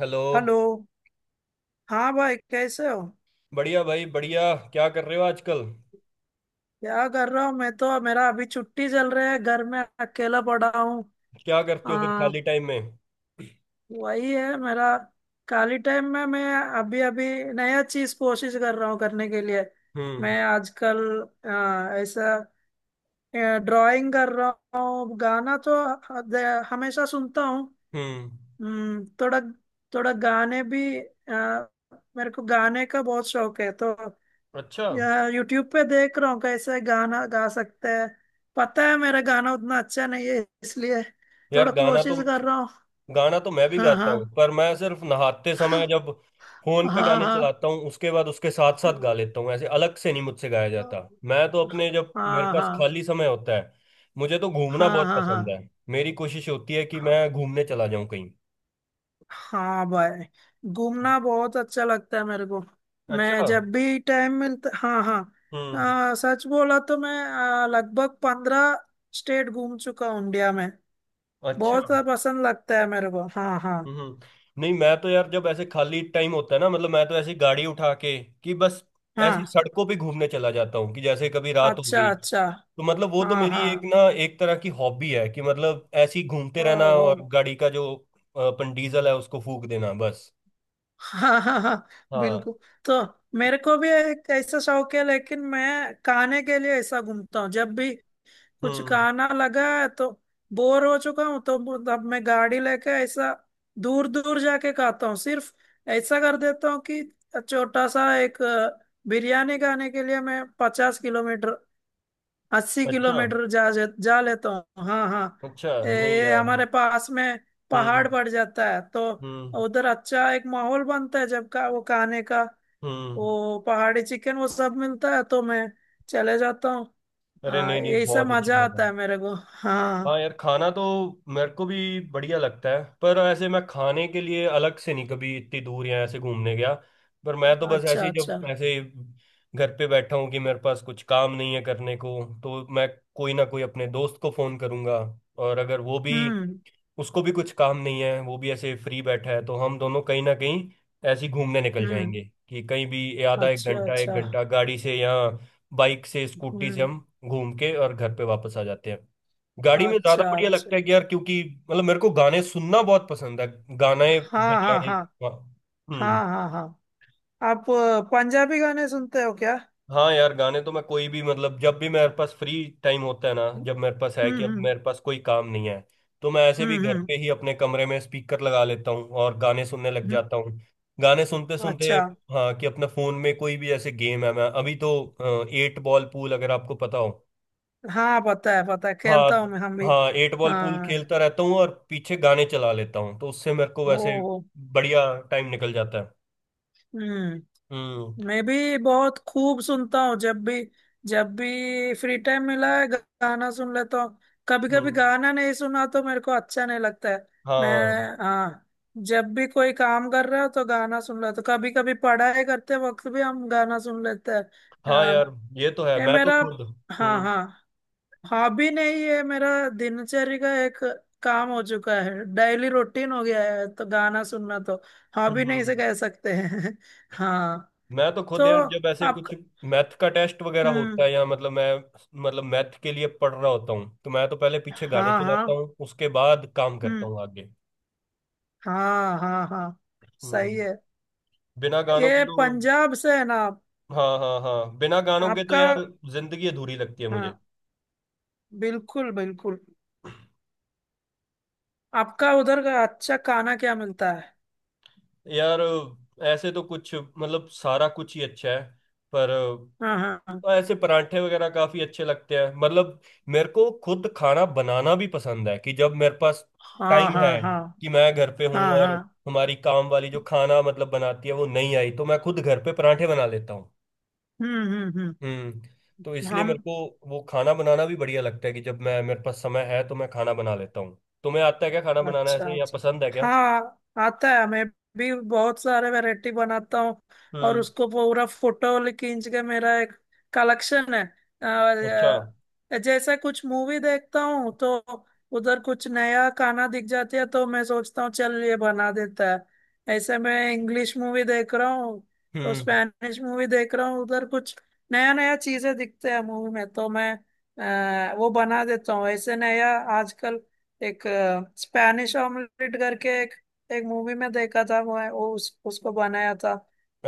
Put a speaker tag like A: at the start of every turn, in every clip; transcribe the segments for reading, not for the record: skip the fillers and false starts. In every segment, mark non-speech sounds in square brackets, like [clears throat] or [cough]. A: Hello.
B: Hello. हाँ भाई, कैसे हो?
A: बढ़िया भाई बढ़िया। क्या कर रहे हो आजकल?
B: क्या कर रहा हूँ मैं, तो मेरा अभी छुट्टी चल रहा है, घर में अकेला पड़ा हूँ।
A: क्या करते हो फिर
B: आ,
A: खाली टाइम में?
B: वही है मेरा। खाली टाइम में मैं अभी अभी नया चीज कोशिश कर रहा हूँ करने के लिए।
A: हम्म।
B: मैं आजकल ऐसा ड्राइंग कर रहा हूँ। गाना तो हद- हमेशा सुनता हूँ।
A: हम्म।
B: थोड़ा थोड़ा गाने भी मेरे को गाने का बहुत शौक है तो।
A: अच्छा।
B: यार यूट्यूब पे देख रहा हूँ कैसे गाना गा सकते हैं। पता है मेरा गाना उतना अच्छा नहीं है, इसलिए थोड़ा
A: यार गाना तो।
B: कोशिश कर रहा हूँ।
A: गाना तो मैं भी
B: हाँ
A: गाता हूँ
B: हाँ।
A: पर मैं सिर्फ नहाते
B: [laughs]
A: समय जब फोन पे
B: हाँ
A: गाने
B: हाँ
A: चलाता हूँ, उसके बाद उसके साथ साथ
B: हाँ।
A: गा लेता हूँ। ऐसे अलग से नहीं मुझसे गाया जाता। मैं तो अपने जब मेरे
B: हाँ
A: पास
B: हाँ
A: खाली समय होता है, मुझे तो घूमना
B: हाँ
A: बहुत पसंद
B: हाँ।
A: है। मेरी कोशिश होती है कि मैं घूमने चला जाऊँ कहीं।
B: हाँ भाई, घूमना बहुत अच्छा लगता है मेरे को।
A: अच्छा।
B: मैं जब भी टाइम मिलता, हाँ हाँ,
A: हम्म।
B: सच बोला तो मैं लगभग 15 स्टेट घूम चुका हूँ इंडिया में।
A: अच्छा।
B: बहुत पसंद लगता है मेरे को। हाँ हाँ
A: हम्म। नहीं मैं तो यार जब ऐसे खाली टाइम होता है ना, मतलब मैं तो ऐसी गाड़ी उठा के कि बस ऐसी
B: हाँ।
A: सड़कों पे घूमने चला जाता हूँ कि जैसे कभी रात हो
B: अच्छा
A: गई,
B: अच्छा।
A: तो मतलब वो तो
B: हाँ
A: मेरी
B: हाँ।
A: एक ना एक तरह की हॉबी है कि मतलब ऐसी
B: ओ
A: घूमते रहना
B: ओ।
A: और गाड़ी का जो अपन डीजल है उसको फूक देना बस।
B: हाँ हाँ हाँ। [laughs]
A: हाँ।
B: बिल्कुल। तो मेरे को भी एक ऐसा शौक है, लेकिन मैं खाने के लिए ऐसा घूमता हूँ। जब भी कुछ
A: हम्म।
B: खाना लगा है तो, बोर हो चुका हूँ तो, अब मैं गाड़ी लेके ऐसा दूर दूर जाके खाता हूँ सिर्फ। ऐसा कर देता हूँ कि छोटा सा एक बिरयानी खाने के लिए मैं 50 किलोमीटर, अस्सी
A: अच्छा।
B: किलोमीटर जा जा जा लेता हूँ। हाँ हाँ।
A: अच्छा। नहीं
B: ये
A: यार।
B: हमारे पास में पहाड़
A: हम्म।
B: पड़ जाता है तो
A: हम्म।
B: उधर अच्छा एक माहौल बनता है जब का वो खाने का।
A: हम्म।
B: वो पहाड़ी चिकन वो सब मिलता है तो मैं चले जाता हूँ।
A: अरे
B: हाँ
A: नहीं नहीं
B: ऐसा
A: बहुत अच्छी
B: मजा
A: बात है।
B: आता है मेरे को।
A: हाँ
B: हाँ।
A: यार खाना तो मेरे को भी बढ़िया लगता है पर ऐसे मैं खाने के लिए अलग से नहीं कभी इतनी दूर या ऐसे घूमने गया। पर मैं तो बस
B: अच्छा
A: ऐसे ही
B: अच्छा।
A: जब ऐसे घर पे बैठा हूँ कि मेरे पास कुछ काम नहीं है करने को, तो मैं कोई ना कोई अपने दोस्त को फोन करूंगा। और अगर वो भी
B: हम्म
A: उसको भी कुछ काम नहीं है वो भी ऐसे फ्री बैठा है तो हम दोनों कहीं ना कहीं ऐसे ही घूमने निकल
B: हम्म।
A: जाएंगे कि कहीं भी ये आधा
B: अच्छा
A: एक
B: अच्छा।
A: घंटा गाड़ी से या बाइक से स्कूटी से
B: हम्म।
A: हम घूम के और घर पे वापस आ जाते हैं। गाड़ी में ज्यादा
B: अच्छा
A: बढ़िया
B: अच्छा।
A: लगता है कि यार क्योंकि मतलब मेरे को गाने सुनना बहुत पसंद है, गाने
B: हाँ हाँ
A: बजाने।
B: हाँ।
A: हाँ। हम्म।
B: हाँ हाँ हाँ। आप पंजाबी गाने सुनते हो क्या?
A: हाँ यार गाने तो मैं कोई भी मतलब जब भी मेरे पास फ्री टाइम होता है ना,
B: हम्म
A: जब मेरे पास है कि अब
B: हम्म।
A: मेरे पास कोई काम नहीं है, तो मैं ऐसे भी
B: हम्म
A: घर
B: हम्म।
A: पे ही अपने कमरे में स्पीकर लगा लेता हूँ और गाने सुनने लग
B: हम्म।
A: जाता हूँ। गाने सुनते सुनते
B: अच्छा।
A: हाँ कि अपना फोन में कोई भी ऐसे गेम है, मैं अभी तो एट बॉल पूल अगर आपको पता हो।
B: हाँ पता है पता है,
A: हाँ
B: खेलता हूँ मैं हम भी।
A: हाँ एट बॉल पूल
B: हाँ।
A: खेलता रहता हूँ और पीछे गाने चला लेता हूँ तो उससे मेरे को
B: हो
A: वैसे
B: हो।
A: बढ़िया टाइम निकल जाता है।
B: हम्म।
A: हम्म।
B: मैं भी बहुत खूब सुनता हूँ। जब भी, जब भी फ्री टाइम मिला है गाना सुन लेता हूँ। कभी कभी
A: हम्म।
B: गाना नहीं सुना तो मेरे को अच्छा नहीं लगता है। मैं,
A: हाँ।
B: हाँ, जब भी कोई काम कर रहा हो तो गाना सुन लेता हूँ। कभी कभी पढ़ाई करते वक्त भी हम गाना सुन लेते हैं।
A: हाँ।
B: अ,
A: यार ये तो है
B: ये
A: मैं तो
B: मेरा,
A: खुद।
B: हाँ
A: हम्म।
B: हाँ, हॉबी नहीं है मेरा। दिनचर्या का एक काम हो चुका है, डेली रूटीन हो गया है तो गाना सुनना तो हॉबी नहीं
A: हम्म।
B: से कह सकते हैं। [laughs] हाँ।
A: मैं तो
B: तो
A: खुद यार जब ऐसे
B: आप।
A: कुछ मैथ का टेस्ट वगैरह होता
B: हम्म।
A: है, या मतलब मैं मतलब मैथ के लिए पढ़ रहा होता हूँ, तो मैं तो पहले पीछे गाने
B: हाँ
A: चलाता
B: हाँ।
A: हूँ, उसके बाद काम करता
B: हम्म।
A: हूँ आगे।
B: हाँ हाँ हाँ।
A: हम्म।
B: सही है।
A: बिना गानों के
B: ये
A: तो।
B: पंजाब से है ना आप?
A: हाँ। हाँ। हाँ बिना गानों के तो
B: आपका।
A: यार जिंदगी अधूरी लगती है मुझे।
B: हाँ बिल्कुल बिल्कुल। आपका उधर का अच्छा खाना क्या मिलता है?
A: यार ऐसे तो कुछ मतलब सारा कुछ ही अच्छा है। पर
B: हाँ हाँ
A: तो ऐसे परांठे वगैरह काफी अच्छे लगते हैं मतलब। मेरे को खुद खाना बनाना भी पसंद है कि जब मेरे पास
B: हाँ
A: टाइम
B: हाँ
A: है
B: हाँ
A: कि मैं घर पे हूँ
B: हाँ हाँ
A: और
B: हाँ।
A: हमारी काम वाली जो खाना मतलब बनाती है वो नहीं आई, तो मैं खुद घर पे परांठे बना लेता हूँ।
B: हम्म।
A: हम्म। तो इसलिए मेरे
B: हम।
A: को वो खाना बनाना भी बढ़िया लगता है कि जब मैं मेरे पास समय है तो मैं खाना बना लेता हूँ। तुम्हें आता है क्या खाना बनाना
B: अच्छा
A: ऐसे, या
B: अच्छा।
A: पसंद है क्या?
B: हाँ आता है। मैं भी बहुत सारे वैरायटी बनाता हूँ। और
A: हम्म।
B: उसको पूरा फोटो खींच के मेरा एक कलेक्शन है। और,
A: अच्छा।
B: जैसे कुछ मूवी देखता हूँ तो उधर कुछ नया खाना दिख जाती है तो मैं सोचता हूँ चल ये बना देता है। ऐसे मैं इंग्लिश मूवी देख रहा हूँ तो
A: हम्म।
B: स्पेनिश मूवी देख रहा हूँ। उधर कुछ नया नया चीजें दिखते हैं मूवी में तो मैं वो बना देता हूँ ऐसे नया। आजकल एक स्पैनिश ऑमलेट करके एक एक मूवी में देखा था, वो है, वो उस, उसको बनाया था।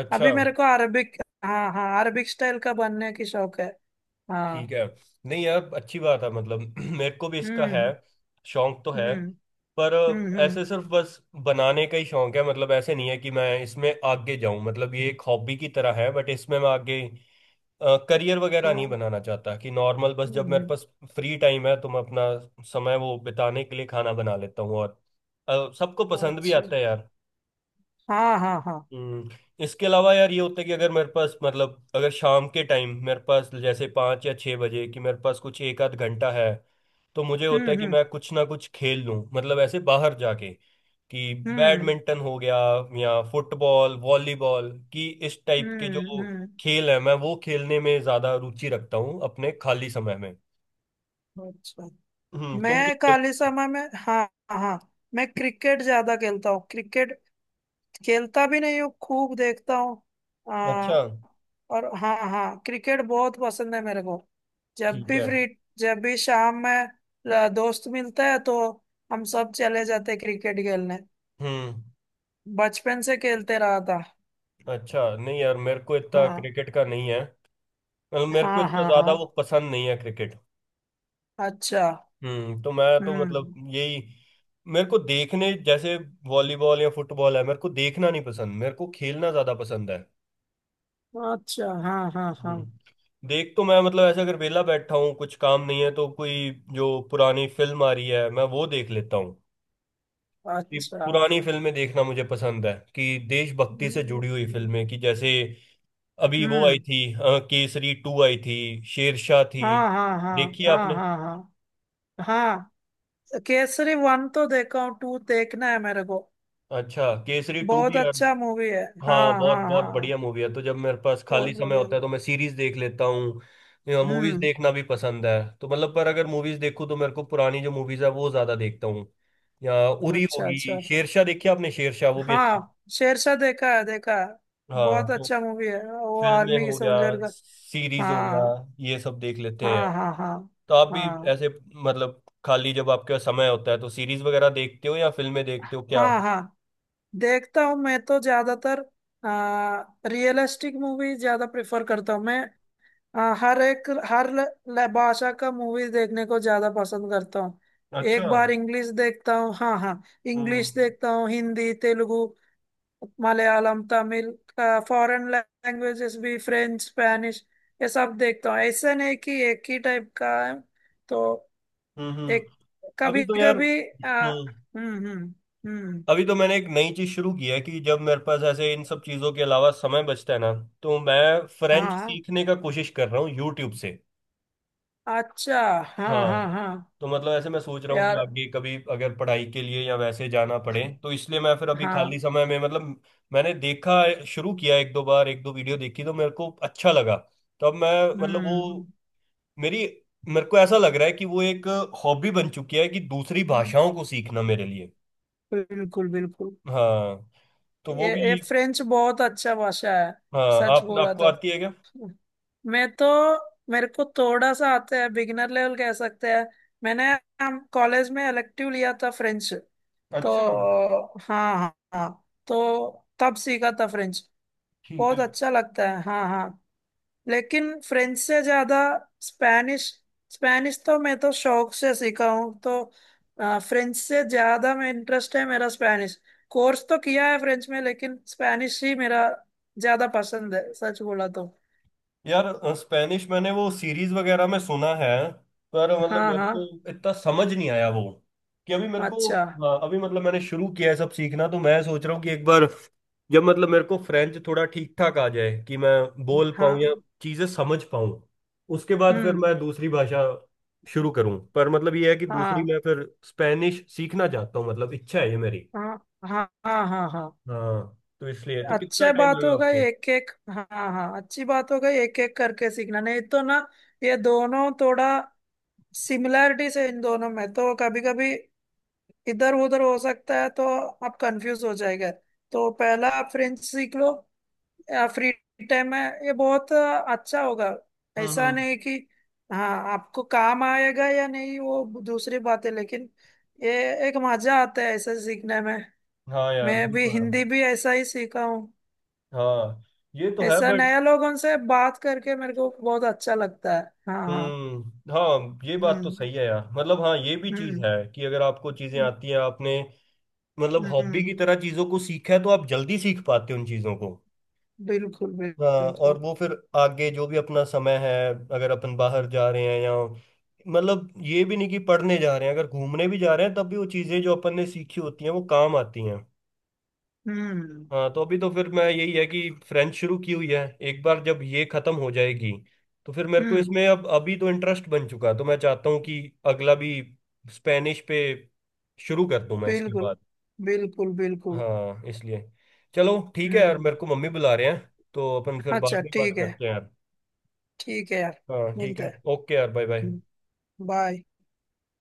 A: अच्छा।
B: अभी मेरे को अरबिक, हाँ हाँ, अरबिक स्टाइल का बनने की शौक है।
A: ठीक
B: हाँ।
A: है। नहीं यार अच्छी बात है मतलब [clears throat] मेरे को भी इसका है,
B: हम्म
A: शौक तो है।
B: हम्म
A: पर
B: हम्म।
A: ऐसे सिर्फ बस बनाने का ही शौक है, मतलब ऐसे नहीं है कि मैं इसमें आगे जाऊं, मतलब ये एक हॉबी की तरह है बट इसमें मैं आगे करियर वगैरह नहीं
B: हाँ,
A: बनाना चाहता। कि नॉर्मल बस
B: हम्म,
A: जब मेरे
B: हम्म,
A: पास फ्री टाइम है तो मैं अपना समय वो बिताने के लिए खाना बना लेता हूँ और सबको पसंद भी
B: अच्छा।
A: आता है यार।
B: हाँ हाँ हाँ।
A: हम्म। इसके अलावा यार ये होता है कि अगर मेरे पास, मतलब अगर शाम के टाइम मेरे पास जैसे 5 या 6 बजे कि मेरे पास कुछ एक आध घंटा है, तो मुझे
B: हम्म
A: होता है कि
B: हम्म
A: मैं कुछ ना कुछ खेल लूँ मतलब ऐसे बाहर जाके कि
B: हम्म
A: बैडमिंटन हो गया या फुटबॉल वॉलीबॉल कि इस टाइप के
B: हम्म।
A: जो खेल है मैं वो खेलने में ज़्यादा रुचि रखता हूँ अपने खाली समय में।
B: अच्छा।
A: तुम क्या
B: मैं
A: खेल?
B: खाली समय में, हाँ हाँ, मैं क्रिकेट ज्यादा खेलता हूँ। क्रिकेट खेलता भी नहीं हूँ, खूब देखता हूँ।
A: अच्छा।
B: और हाँ हाँ, क्रिकेट बहुत पसंद है मेरे को। जब
A: ठीक
B: भी
A: है।
B: फ्री, जब भी शाम में दोस्त मिलता है तो हम सब चले जाते क्रिकेट खेलने।
A: हम्म।
B: बचपन से खेलते रहा था।
A: अच्छा नहीं यार मेरे को इतना
B: हाँ
A: क्रिकेट का नहीं है। मेरे को
B: हाँ
A: इतना
B: हाँ
A: ज्यादा वो
B: हाँ।
A: पसंद नहीं है क्रिकेट।
B: अच्छा।
A: तो मैं तो मतलब
B: हम्म।
A: यही मेरे को देखने जैसे वॉलीबॉल या फुटबॉल है मेरे को देखना नहीं पसंद, मेरे को खेलना ज्यादा पसंद है।
B: अच्छा। हाँ हाँ हाँ।
A: देख तो मैं मतलब ऐसे अगर वेला बैठा हूँ कुछ काम नहीं है तो कोई जो पुरानी फिल्म आ रही है मैं वो देख लेता हूँ। ये
B: अच्छा।
A: पुरानी फिल्में देखना मुझे पसंद है कि देशभक्ति से
B: हम्म
A: जुड़ी हुई फिल्में कि जैसे अभी वो आई
B: हम्म,
A: थी केसरी टू आई थी, शेरशाह थी।
B: हाँ हाँ हाँ
A: देखी
B: हाँ
A: आपने?
B: हाँ हाँ हाँ। केसरी वन तो देखा हूँ, टू देखना है मेरे को।
A: अच्छा केसरी टू
B: बहुत
A: भी
B: अच्छा मूवी है।
A: हाँ
B: हाँ
A: बहुत
B: हाँ
A: बहुत बढ़िया
B: हाँ,
A: मूवी है। तो जब मेरे पास
B: बहुत
A: खाली समय
B: बढ़िया।
A: होता है तो मैं सीरीज देख लेता हूँ, मूवीज
B: हम्म।
A: देखना भी पसंद है। तो मतलब पर अगर मूवीज देखूँ तो मेरे को पुरानी जो मूवीज है वो ज्यादा देखता हूँ, या उरी
B: अच्छा
A: होगी,
B: अच्छा।
A: शेरशाह देखी आपने? शेरशाह वो भी अच्छी।
B: हाँ शेरशाह देखा है देखा है।
A: हाँ
B: बहुत
A: तो
B: अच्छा मूवी है, वो
A: फिल्में
B: आर्मी के
A: हो गया,
B: सोल्जर का।
A: सीरीज हो गया,
B: हाँ
A: ये सब देख लेते हैं।
B: हाँ हाँ हाँ।
A: तो आप भी
B: हाँ
A: ऐसे मतलब खाली जब आपके पास समय होता है तो सीरीज वगैरह देखते हो या फिल्में देखते हो क्या?
B: हाँ हाँ। देखता हूँ मैं तो ज्यादातर आ, रियलिस्टिक मूवी ज्यादा प्रेफर करता हूँ मैं। हर एक, हर भाषा का मूवी देखने को ज्यादा पसंद करता हूँ।
A: अच्छा।
B: एक बार इंग्लिश देखता हूँ, हाँ हाँ,
A: हम्म।
B: इंग्लिश देखता हूँ, हिंदी, तेलुगु, मलयालम, तमिल, फॉरेन लैंग्वेजेस भी, फ्रेंच, स्पेनिश, ये सब देखता हूँ। ऐसा नहीं कि एक ही टाइप का है। तो
A: हम्म। हम्म।
B: एक,
A: अभी
B: कभी
A: तो यार
B: कभी
A: हम्म
B: हम्म।
A: अभी तो मैंने एक नई चीज शुरू की है कि जब मेरे पास ऐसे इन सब चीजों के अलावा समय बचता है ना, तो मैं फ्रेंच
B: हाँ
A: सीखने का कोशिश कर रहा हूँ यूट्यूब से।
B: अच्छा। हाँ
A: हाँ
B: हाँ हाँ
A: तो मतलब ऐसे मैं सोच रहा हूँ कि
B: यार
A: आगे कभी अगर पढ़ाई के लिए या वैसे जाना पड़े, तो इसलिए मैं फिर अभी
B: हाँ।
A: खाली समय में मतलब मैंने देखा शुरू किया, एक दो बार एक दो वीडियो देखी तो मेरे को अच्छा लगा। तो अब मैं मतलब
B: हम्म
A: वो मेरी मेरे को ऐसा लग रहा है कि वो एक हॉबी बन चुकी है कि दूसरी
B: हम्म,
A: भाषाओं को सीखना मेरे लिए।
B: बिल्कुल बिल्कुल।
A: हाँ तो वो
B: ये
A: भी।
B: फ्रेंच बहुत अच्छा भाषा है,
A: हाँ
B: सच
A: आप
B: बोला
A: आपको
B: तो।
A: आती है क्या?
B: मैं तो मेरे को थोड़ा सा आता है, बिगिनर लेवल कह सकते हैं। मैंने हम कॉलेज में इलेक्टिव लिया था फ्रेंच तो,
A: अच्छा।
B: हाँ हाँ हाँ, तो तब सीखा था फ्रेंच।
A: ठीक है
B: बहुत अच्छा लगता है हाँ हाँ। लेकिन फ्रेंच से ज्यादा स्पेनिश। स्पेनिश तो मैं तो शौक से सीखा हूँ तो, फ्रेंच से ज्यादा में इंटरेस्ट है मेरा स्पेनिश। कोर्स तो किया है फ्रेंच में, लेकिन स्पेनिश ही मेरा ज्यादा पसंद है, सच बोला तो।
A: यार स्पेनिश मैंने वो सीरीज वगैरह में सुना है, पर मतलब
B: हाँ
A: मेरे
B: हाँ।
A: को इतना समझ नहीं आया वो कि अभी मेरे को
B: अच्छा
A: हाँ, अभी मतलब मैंने शुरू किया है सब सीखना। तो मैं सोच रहा हूँ कि एक बार जब मतलब मेरे को फ्रेंच थोड़ा ठीक ठाक आ जाए कि मैं बोल पाऊँ
B: हाँ।
A: या चीजें समझ पाऊँ, उसके बाद फिर
B: हम्म।
A: मैं दूसरी भाषा शुरू करूँ। पर मतलब ये है कि दूसरी
B: हाँ
A: मैं फिर स्पेनिश सीखना चाहता हूँ, मतलब इच्छा है ये मेरी।
B: हाँ हाँ हाँ हाँ हाँ।
A: हाँ तो इसलिए तो कितना
B: अच्छा
A: टाइम
B: बात
A: लगा
B: होगा
A: आपको?
B: एक एक, हाँ हाँ, अच्छी बात होगा एक एक करके सीखना। नहीं तो ना, ये दोनों थोड़ा सिमिलैरिटी से इन दोनों में तो कभी कभी इधर उधर हो सकता है तो आप कंफ्यूज हो जाएगा। तो पहला आप फ्रेंच सीख लो या फ्री टाइम में, ये बहुत अच्छा होगा।
A: हम्म।
B: ऐसा
A: हम्म।
B: नहीं कि हाँ, आपको काम आएगा या नहीं वो दूसरी बात है, लेकिन ये एक मजा आता है ऐसा सीखने में।
A: हाँ यार
B: मैं
A: वो
B: भी
A: तो है।
B: हिंदी भी ऐसा ही सीखा हूँ।
A: हाँ ये तो है
B: ऐसा
A: बट।
B: नया लोगों से बात करके मेरे को बहुत अच्छा लगता है। हाँ हाँ।
A: हम्म। हाँ ये बात तो
B: हम्म
A: सही है यार, मतलब हाँ ये भी चीज
B: हम्म
A: है कि अगर आपको चीजें
B: हम्म।
A: आती हैं आपने मतलब हॉबी की
B: हम्म,
A: तरह चीजों को सीखा है, तो आप जल्दी सीख पाते हो उन चीजों को।
B: बिल्कुल
A: हाँ
B: बिल्कुल।
A: और वो फिर आगे जो भी अपना समय है अगर अपन बाहर जा रहे हैं, या मतलब ये भी नहीं कि पढ़ने जा रहे हैं, अगर घूमने भी जा रहे हैं तब भी वो चीजें जो अपन ने सीखी होती हैं वो काम आती हैं।
B: हम्म
A: हाँ तो अभी तो फिर मैं यही है कि फ्रेंच शुरू की हुई है। एक बार जब ये खत्म हो जाएगी, तो फिर मेरे को
B: हम्म।
A: इसमें अब अभी तो इंटरेस्ट बन चुका है तो मैं चाहता हूँ कि अगला भी स्पेनिश पे शुरू कर दूं मैं इसके
B: बिल्कुल
A: बाद।
B: बिल्कुल बिल्कुल।
A: हाँ इसलिए। चलो ठीक है यार
B: हम्म।
A: मेरे को मम्मी बुला रहे हैं तो अपन फिर बाद
B: अच्छा
A: में बात
B: ठीक है।
A: करते हैं यार।
B: ठीक है यार।
A: हाँ ठीक
B: मिलते
A: है,
B: हैं।
A: ओके यार, बाय बाय।
B: बाय।